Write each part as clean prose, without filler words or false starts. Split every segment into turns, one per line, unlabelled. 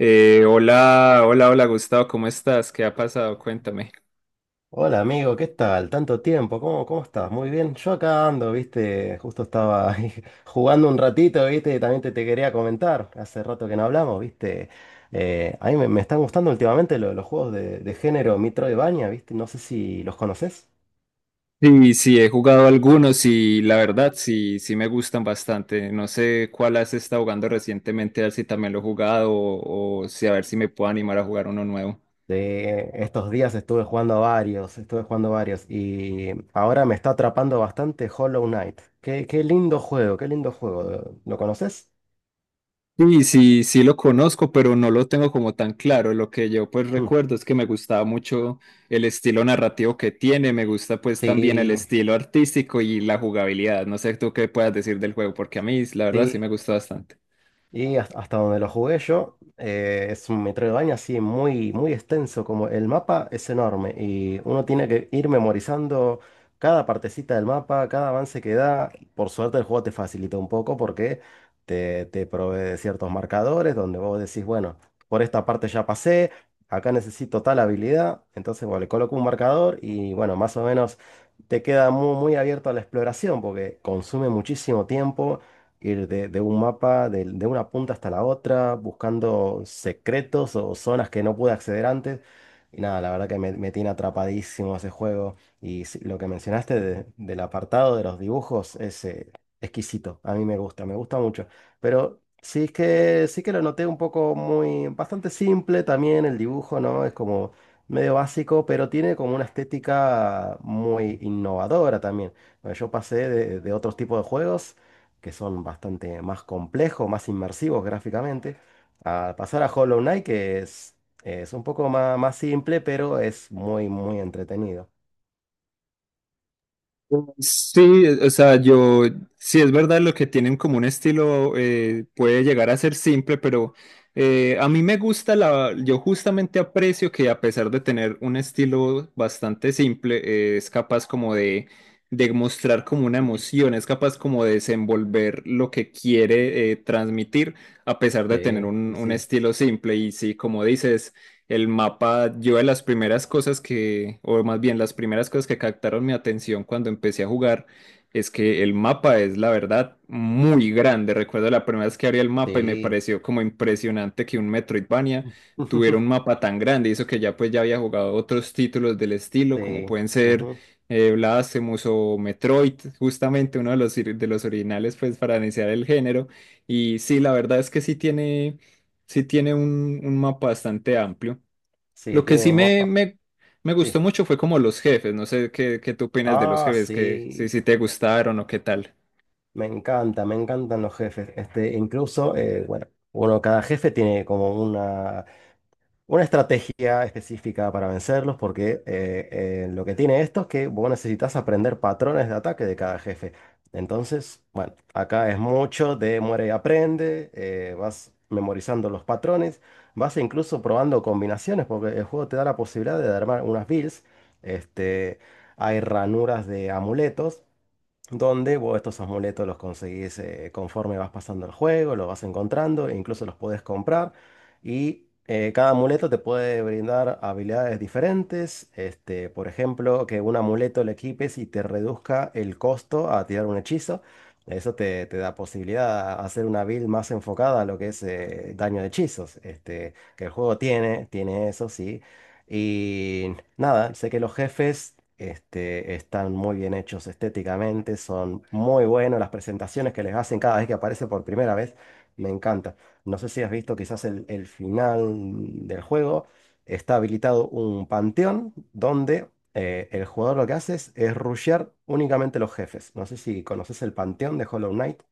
Hola, hola, hola Gustavo, ¿cómo estás? ¿Qué ha pasado? Cuéntame.
Hola amigo, ¿qué tal? Tanto tiempo, ¿cómo estás? Muy bien, yo acá ando, viste, justo estaba ahí jugando un ratito, viste, y también te quería comentar, hace rato que no hablamos, viste. A mí me están gustando últimamente los juegos de género Metroidvania, viste, no sé si los conoces.
Sí, sí, he jugado algunos y la verdad sí, sí me gustan bastante. No sé cuál has estado jugando recientemente, a ver si también lo he jugado o si a ver si me puedo animar a jugar uno nuevo.
De estos días estuve jugando varios, y ahora me está atrapando bastante Hollow Knight. Qué lindo juego, qué lindo juego, ¿lo conoces?
Sí, sí, sí lo conozco, pero no lo tengo como tan claro. Lo que yo pues
Mm.
recuerdo es que me gustaba mucho el estilo narrativo que tiene, me gusta pues también el
Sí,
estilo artístico y la jugabilidad. No sé tú qué puedas decir del juego, porque a mí la verdad sí me
sí.
gustó bastante.
Y hasta donde lo jugué yo, es un Metroidvania así muy, muy extenso, como el mapa es enorme y uno tiene que ir memorizando cada partecita del mapa, cada avance que da. Por suerte el juego te facilita un poco porque te provee de ciertos marcadores donde vos decís, bueno, por esta parte ya pasé, acá necesito tal habilidad, entonces bueno, le coloco un marcador y bueno, más o menos te queda muy, muy abierto a la exploración porque consume muchísimo tiempo ir de un mapa, de una punta hasta la otra, buscando secretos o zonas que no pude acceder antes. Y nada, la verdad que me tiene atrapadísimo ese juego. Y sí, lo que mencionaste del apartado de los dibujos es exquisito. A mí me gusta mucho. Pero sí es que sí que lo noté un poco bastante simple también el dibujo, ¿no? Es como medio básico, pero tiene como una estética muy innovadora también. Bueno, yo pasé de otros tipos de juegos que son bastante más complejos, más inmersivos gráficamente, a pasar a Hollow Knight, que es un poco más simple, pero es muy, muy entretenido.
Sí, o sea, yo, sí es verdad lo que tienen como un estilo puede llegar a ser simple, pero a mí me gusta la, yo justamente aprecio que a pesar de tener un estilo bastante simple, es capaz como de mostrar como una emoción, es capaz como de desenvolver lo que quiere transmitir a pesar de tener
Sí,
un,
sí,
un
sí,
estilo simple y sí, como dices, el mapa, yo de las primeras cosas que, o más bien las primeras cosas que captaron mi atención cuando empecé a jugar, es que el mapa es, la verdad, muy grande. Recuerdo la primera vez que abrí el mapa y me
sí,
pareció como impresionante que un Metroidvania tuviera un mapa tan grande. Y eso que ya pues ya había jugado otros títulos del estilo, como
sí,
pueden ser
ujú.
Blasphemous o Metroid, justamente uno de los, de los originales pues para iniciar el género. Y sí, la verdad es que sí tiene un mapa bastante amplio.
Sí,
Lo que
tiene
sí
un mapa.
me gustó
Sí.
mucho fue como los jefes. No sé qué, qué tú opinas de los
Ah,
jefes, que si,
sí,
si te gustaron o qué tal.
me encantan los jefes. Bueno, uno, cada jefe tiene como una estrategia específica para vencerlos, porque lo que tiene esto es que vos necesitas aprender patrones de ataque de cada jefe. Entonces, bueno, acá es mucho de muere y aprende, vas memorizando los patrones, vas incluso probando combinaciones, porque el juego te da la posibilidad de armar unas builds. este, Hay ranuras de amuletos donde vos estos amuletos los conseguís, conforme vas pasando el juego, los vas encontrando, e incluso los podés comprar. Y cada amuleto te puede brindar habilidades diferentes. Por ejemplo, que un amuleto le equipes y te reduzca el costo a tirar un hechizo. Eso te da posibilidad a hacer una build más enfocada a lo que es, daño de hechizos. Que el juego tiene eso, sí. Y nada, sé que los jefes están muy bien hechos estéticamente, son muy buenos las presentaciones que les hacen cada vez que aparece por primera vez, me encanta. No sé si has visto quizás el final del juego, está habilitado un panteón donde, el jugador lo que hace es rushear únicamente los jefes. No sé si conoces el panteón de Hollow Knight.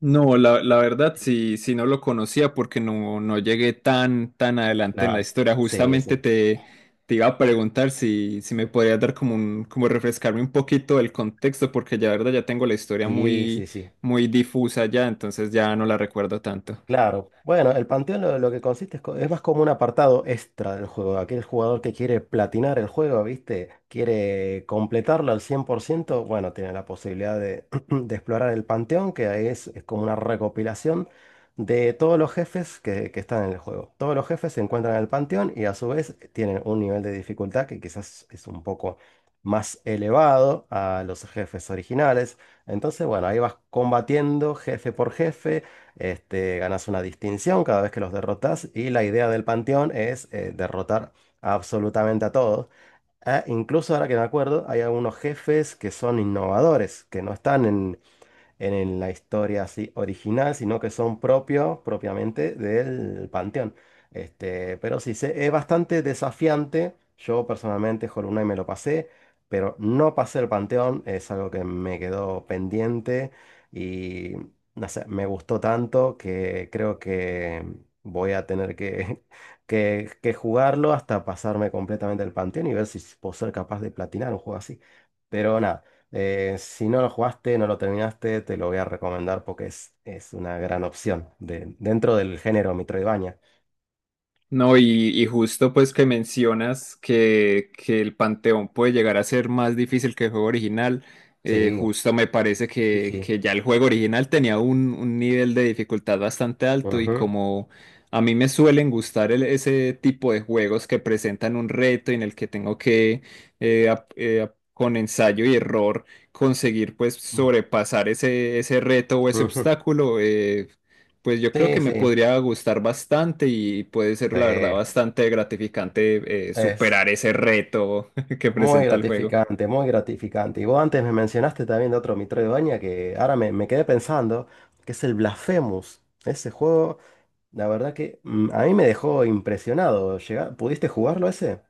No, la verdad sí, sí no lo conocía porque no, no llegué tan, tan adelante en la
La...
historia.
Sí,
Justamente
sí,
te iba a preguntar si, si me podías dar como un, como refrescarme un poquito el contexto, porque ya la verdad ya tengo la historia
sí,
muy,
sí, sí.
muy difusa ya, entonces ya no la recuerdo tanto.
Claro, bueno, el panteón lo que consiste es más como un apartado extra del juego. Aquel jugador que quiere platinar el juego, ¿viste? Quiere completarlo al 100%. Bueno, tiene la posibilidad de, de explorar el panteón, que ahí es como una recopilación de todos los jefes que están en el juego. Todos los jefes se encuentran en el panteón y a su vez tienen un nivel de dificultad que quizás es un poco más elevado a los jefes originales. Entonces, bueno, ahí vas combatiendo jefe por jefe. Ganas una distinción cada vez que los derrotas y la idea del panteón es, derrotar absolutamente a todos. Ah, incluso ahora que me acuerdo, hay algunos jefes que son innovadores, que no están en la historia así original, sino que son propios propiamente del Panteón. Pero sí, es bastante desafiante. Yo personalmente Hollow Knight me lo pasé, pero no pasé el Panteón, es algo que me quedó pendiente, y no sé, me gustó tanto que creo que voy a tener que, que jugarlo hasta pasarme completamente el Panteón y ver si puedo ser capaz de platinar un juego así. Pero nada. Si no lo jugaste, no lo terminaste, te lo voy a recomendar porque es una gran opción dentro del género Metroidvania.
No, y justo pues que mencionas que el Panteón puede llegar a ser más difícil que el juego original,
Sí,
justo me parece
sí, sí.
que ya el juego original tenía un nivel de dificultad bastante alto y
Ujú,
como a mí me suelen gustar ese tipo de juegos que presentan un reto y en el que tengo que con ensayo y error conseguir pues sobrepasar ese, ese reto o ese
ujú.
obstáculo. Pues yo creo
Sí,
que me
sí,
podría gustar bastante y puede ser,
sí.
la verdad, bastante gratificante
Es
superar ese reto que
muy
presenta el juego.
gratificante, muy gratificante. Y vos antes me mencionaste también de otro Metroidvania que ahora me quedé pensando, que es el Blasphemous. Ese juego, la verdad que, a mí me dejó impresionado. ¿Pudiste jugarlo ese?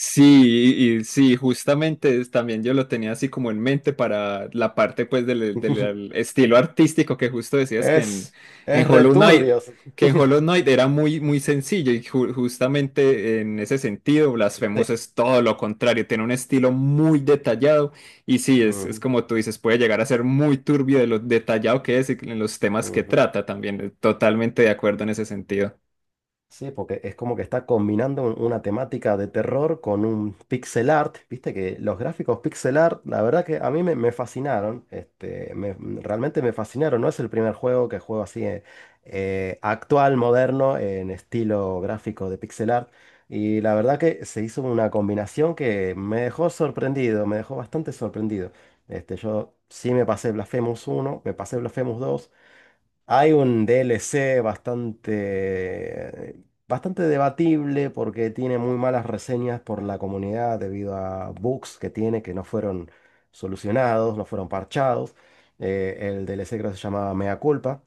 Sí, y sí, justamente también yo lo tenía así como en mente para la parte pues del, del estilo artístico que justo decías que
Es,
en
es
Hollow Knight,
returbio. Sí.
que en Hollow Knight era muy, muy sencillo y justamente en ese sentido Blasphemous es todo lo contrario, tiene un estilo muy detallado y sí, es
Ujú,
como tú dices, puede llegar a ser muy turbio de lo detallado que es y en los temas que
ujú.
trata también, totalmente de acuerdo en ese sentido.
Sí, porque es como que está combinando una temática de terror con un pixel art. Viste que los gráficos pixel art, la verdad que a mí me fascinaron. Realmente me fascinaron. No es el primer juego que juego así, actual, moderno, en estilo gráfico de pixel art. Y la verdad que se hizo una combinación que me dejó sorprendido, me dejó bastante sorprendido. Yo sí me pasé Blasphemous uno, me pasé Blasphemous dos. Hay un DLC bastante debatible porque tiene muy malas reseñas por la comunidad debido a bugs que tiene que no fueron solucionados, no fueron parchados. El DLC creo que se llamaba Mea Culpa.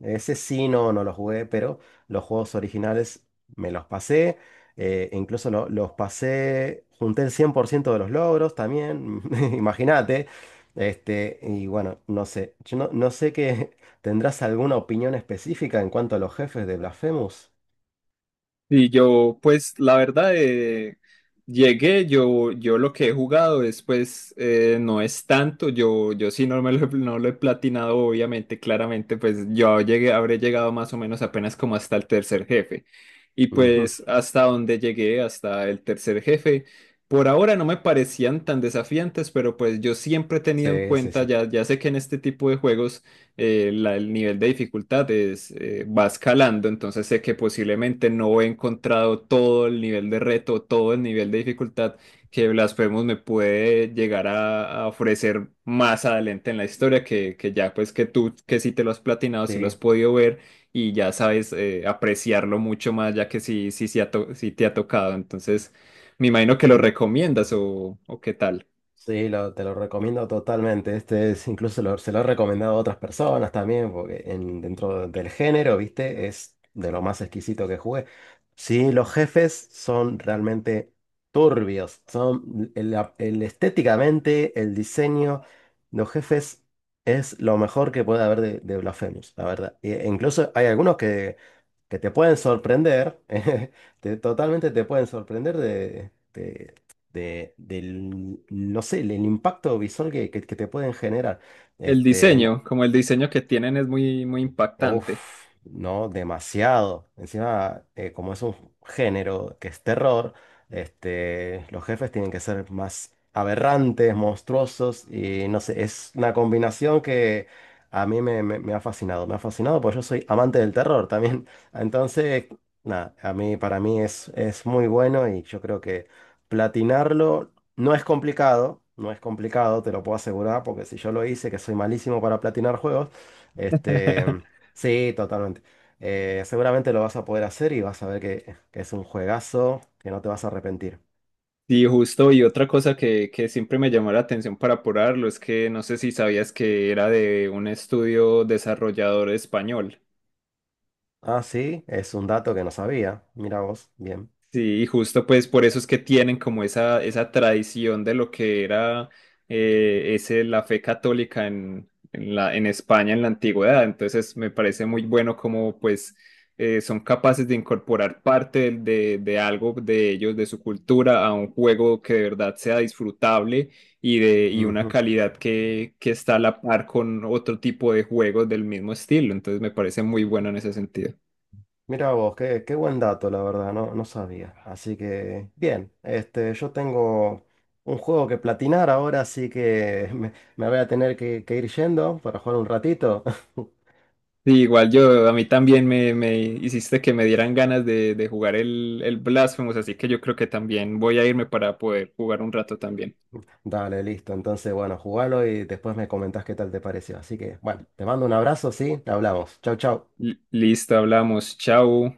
Ese sí, no, no lo jugué, pero los juegos originales me los pasé. Incluso los pasé, junté el 100% de los logros también, imagínate. Y bueno, no sé, yo no sé qué tendrás alguna opinión específica en cuanto a los jefes de Blasphemous.
Y yo, pues la verdad, llegué, yo lo que he jugado es, pues, no es tanto, yo sí no, me lo, no lo he platinado, obviamente, claramente, pues yo llegué, habré llegado más o menos apenas como hasta el tercer jefe. Y
Ujú.
pues hasta donde llegué, hasta el tercer jefe, por ahora no me parecían tan desafiantes, pero pues yo siempre he tenido en
Sí, sí,
cuenta,
sí.
ya, ya sé que en este tipo de juegos el nivel de dificultad es, va escalando, entonces sé que posiblemente no he encontrado todo el nivel de reto, todo el nivel de dificultad que Blasphemous me puede llegar a ofrecer más adelante en la historia, que ya pues que tú que si te lo has platinado, si lo has
Sí.
podido ver y ya sabes apreciarlo mucho más, ya que sí, sí, sí, sí te ha tocado, entonces me imagino que lo recomiendas o qué tal.
Sí, te lo recomiendo totalmente. Se lo he recomendado a otras personas también, porque, dentro del género, ¿viste? Es de lo más exquisito que jugué. Sí, los jefes son realmente turbios. Son el estéticamente, el diseño, los jefes es lo mejor que puede haber de Blasphemous, la verdad. E incluso hay algunos que te pueden sorprender, totalmente te pueden sorprender del, no sé, el impacto visual que te pueden generar.
El
No.
diseño, como el diseño que tienen es muy, muy impactante.
Uf, no, demasiado. Encima, como es un género que es terror, los jefes tienen que ser más aberrantes, monstruosos y no sé, es una combinación que a mí me ha fascinado. Me ha fascinado porque yo soy amante del terror también. Entonces, nada, para mí es muy bueno y yo creo que platinarlo no es complicado, no es complicado, te lo puedo asegurar, porque si yo lo hice, que soy malísimo para platinar juegos. este. Sí, totalmente. Seguramente lo vas a poder hacer y vas a ver que es un juegazo que no te vas a arrepentir.
Sí, justo, y otra cosa que siempre me llamó la atención para apurarlo es que no sé si sabías que era de un estudio desarrollador español.
Ah, sí, es un dato que no sabía. Mira vos, bien.
Sí, y justo pues por eso es que tienen como esa tradición de lo que era ese, la fe católica en la, en España en la antigüedad. Entonces me parece muy bueno como pues son capaces de incorporar parte de algo de ellos, de su cultura, a un juego que de verdad sea disfrutable y, de, y una
Ujú.
calidad que está a la par con otro tipo de juegos del mismo estilo. Entonces me parece muy bueno en ese sentido.
Mira vos, qué buen dato, la verdad, no, no sabía. Así que, bien, yo tengo un juego que platinar ahora, así que me voy a tener que, ir yendo para jugar un ratito.
Sí, igual yo, a mí también me hiciste que me dieran ganas de jugar el Blasphemous, así que yo creo que también voy a irme para poder jugar un rato también.
Dale, listo. Entonces, bueno, jugalo y después me comentás qué tal te pareció. Así que, bueno, te mando un abrazo, sí, hablamos. Chau, chau.
Listo, hablamos, chao.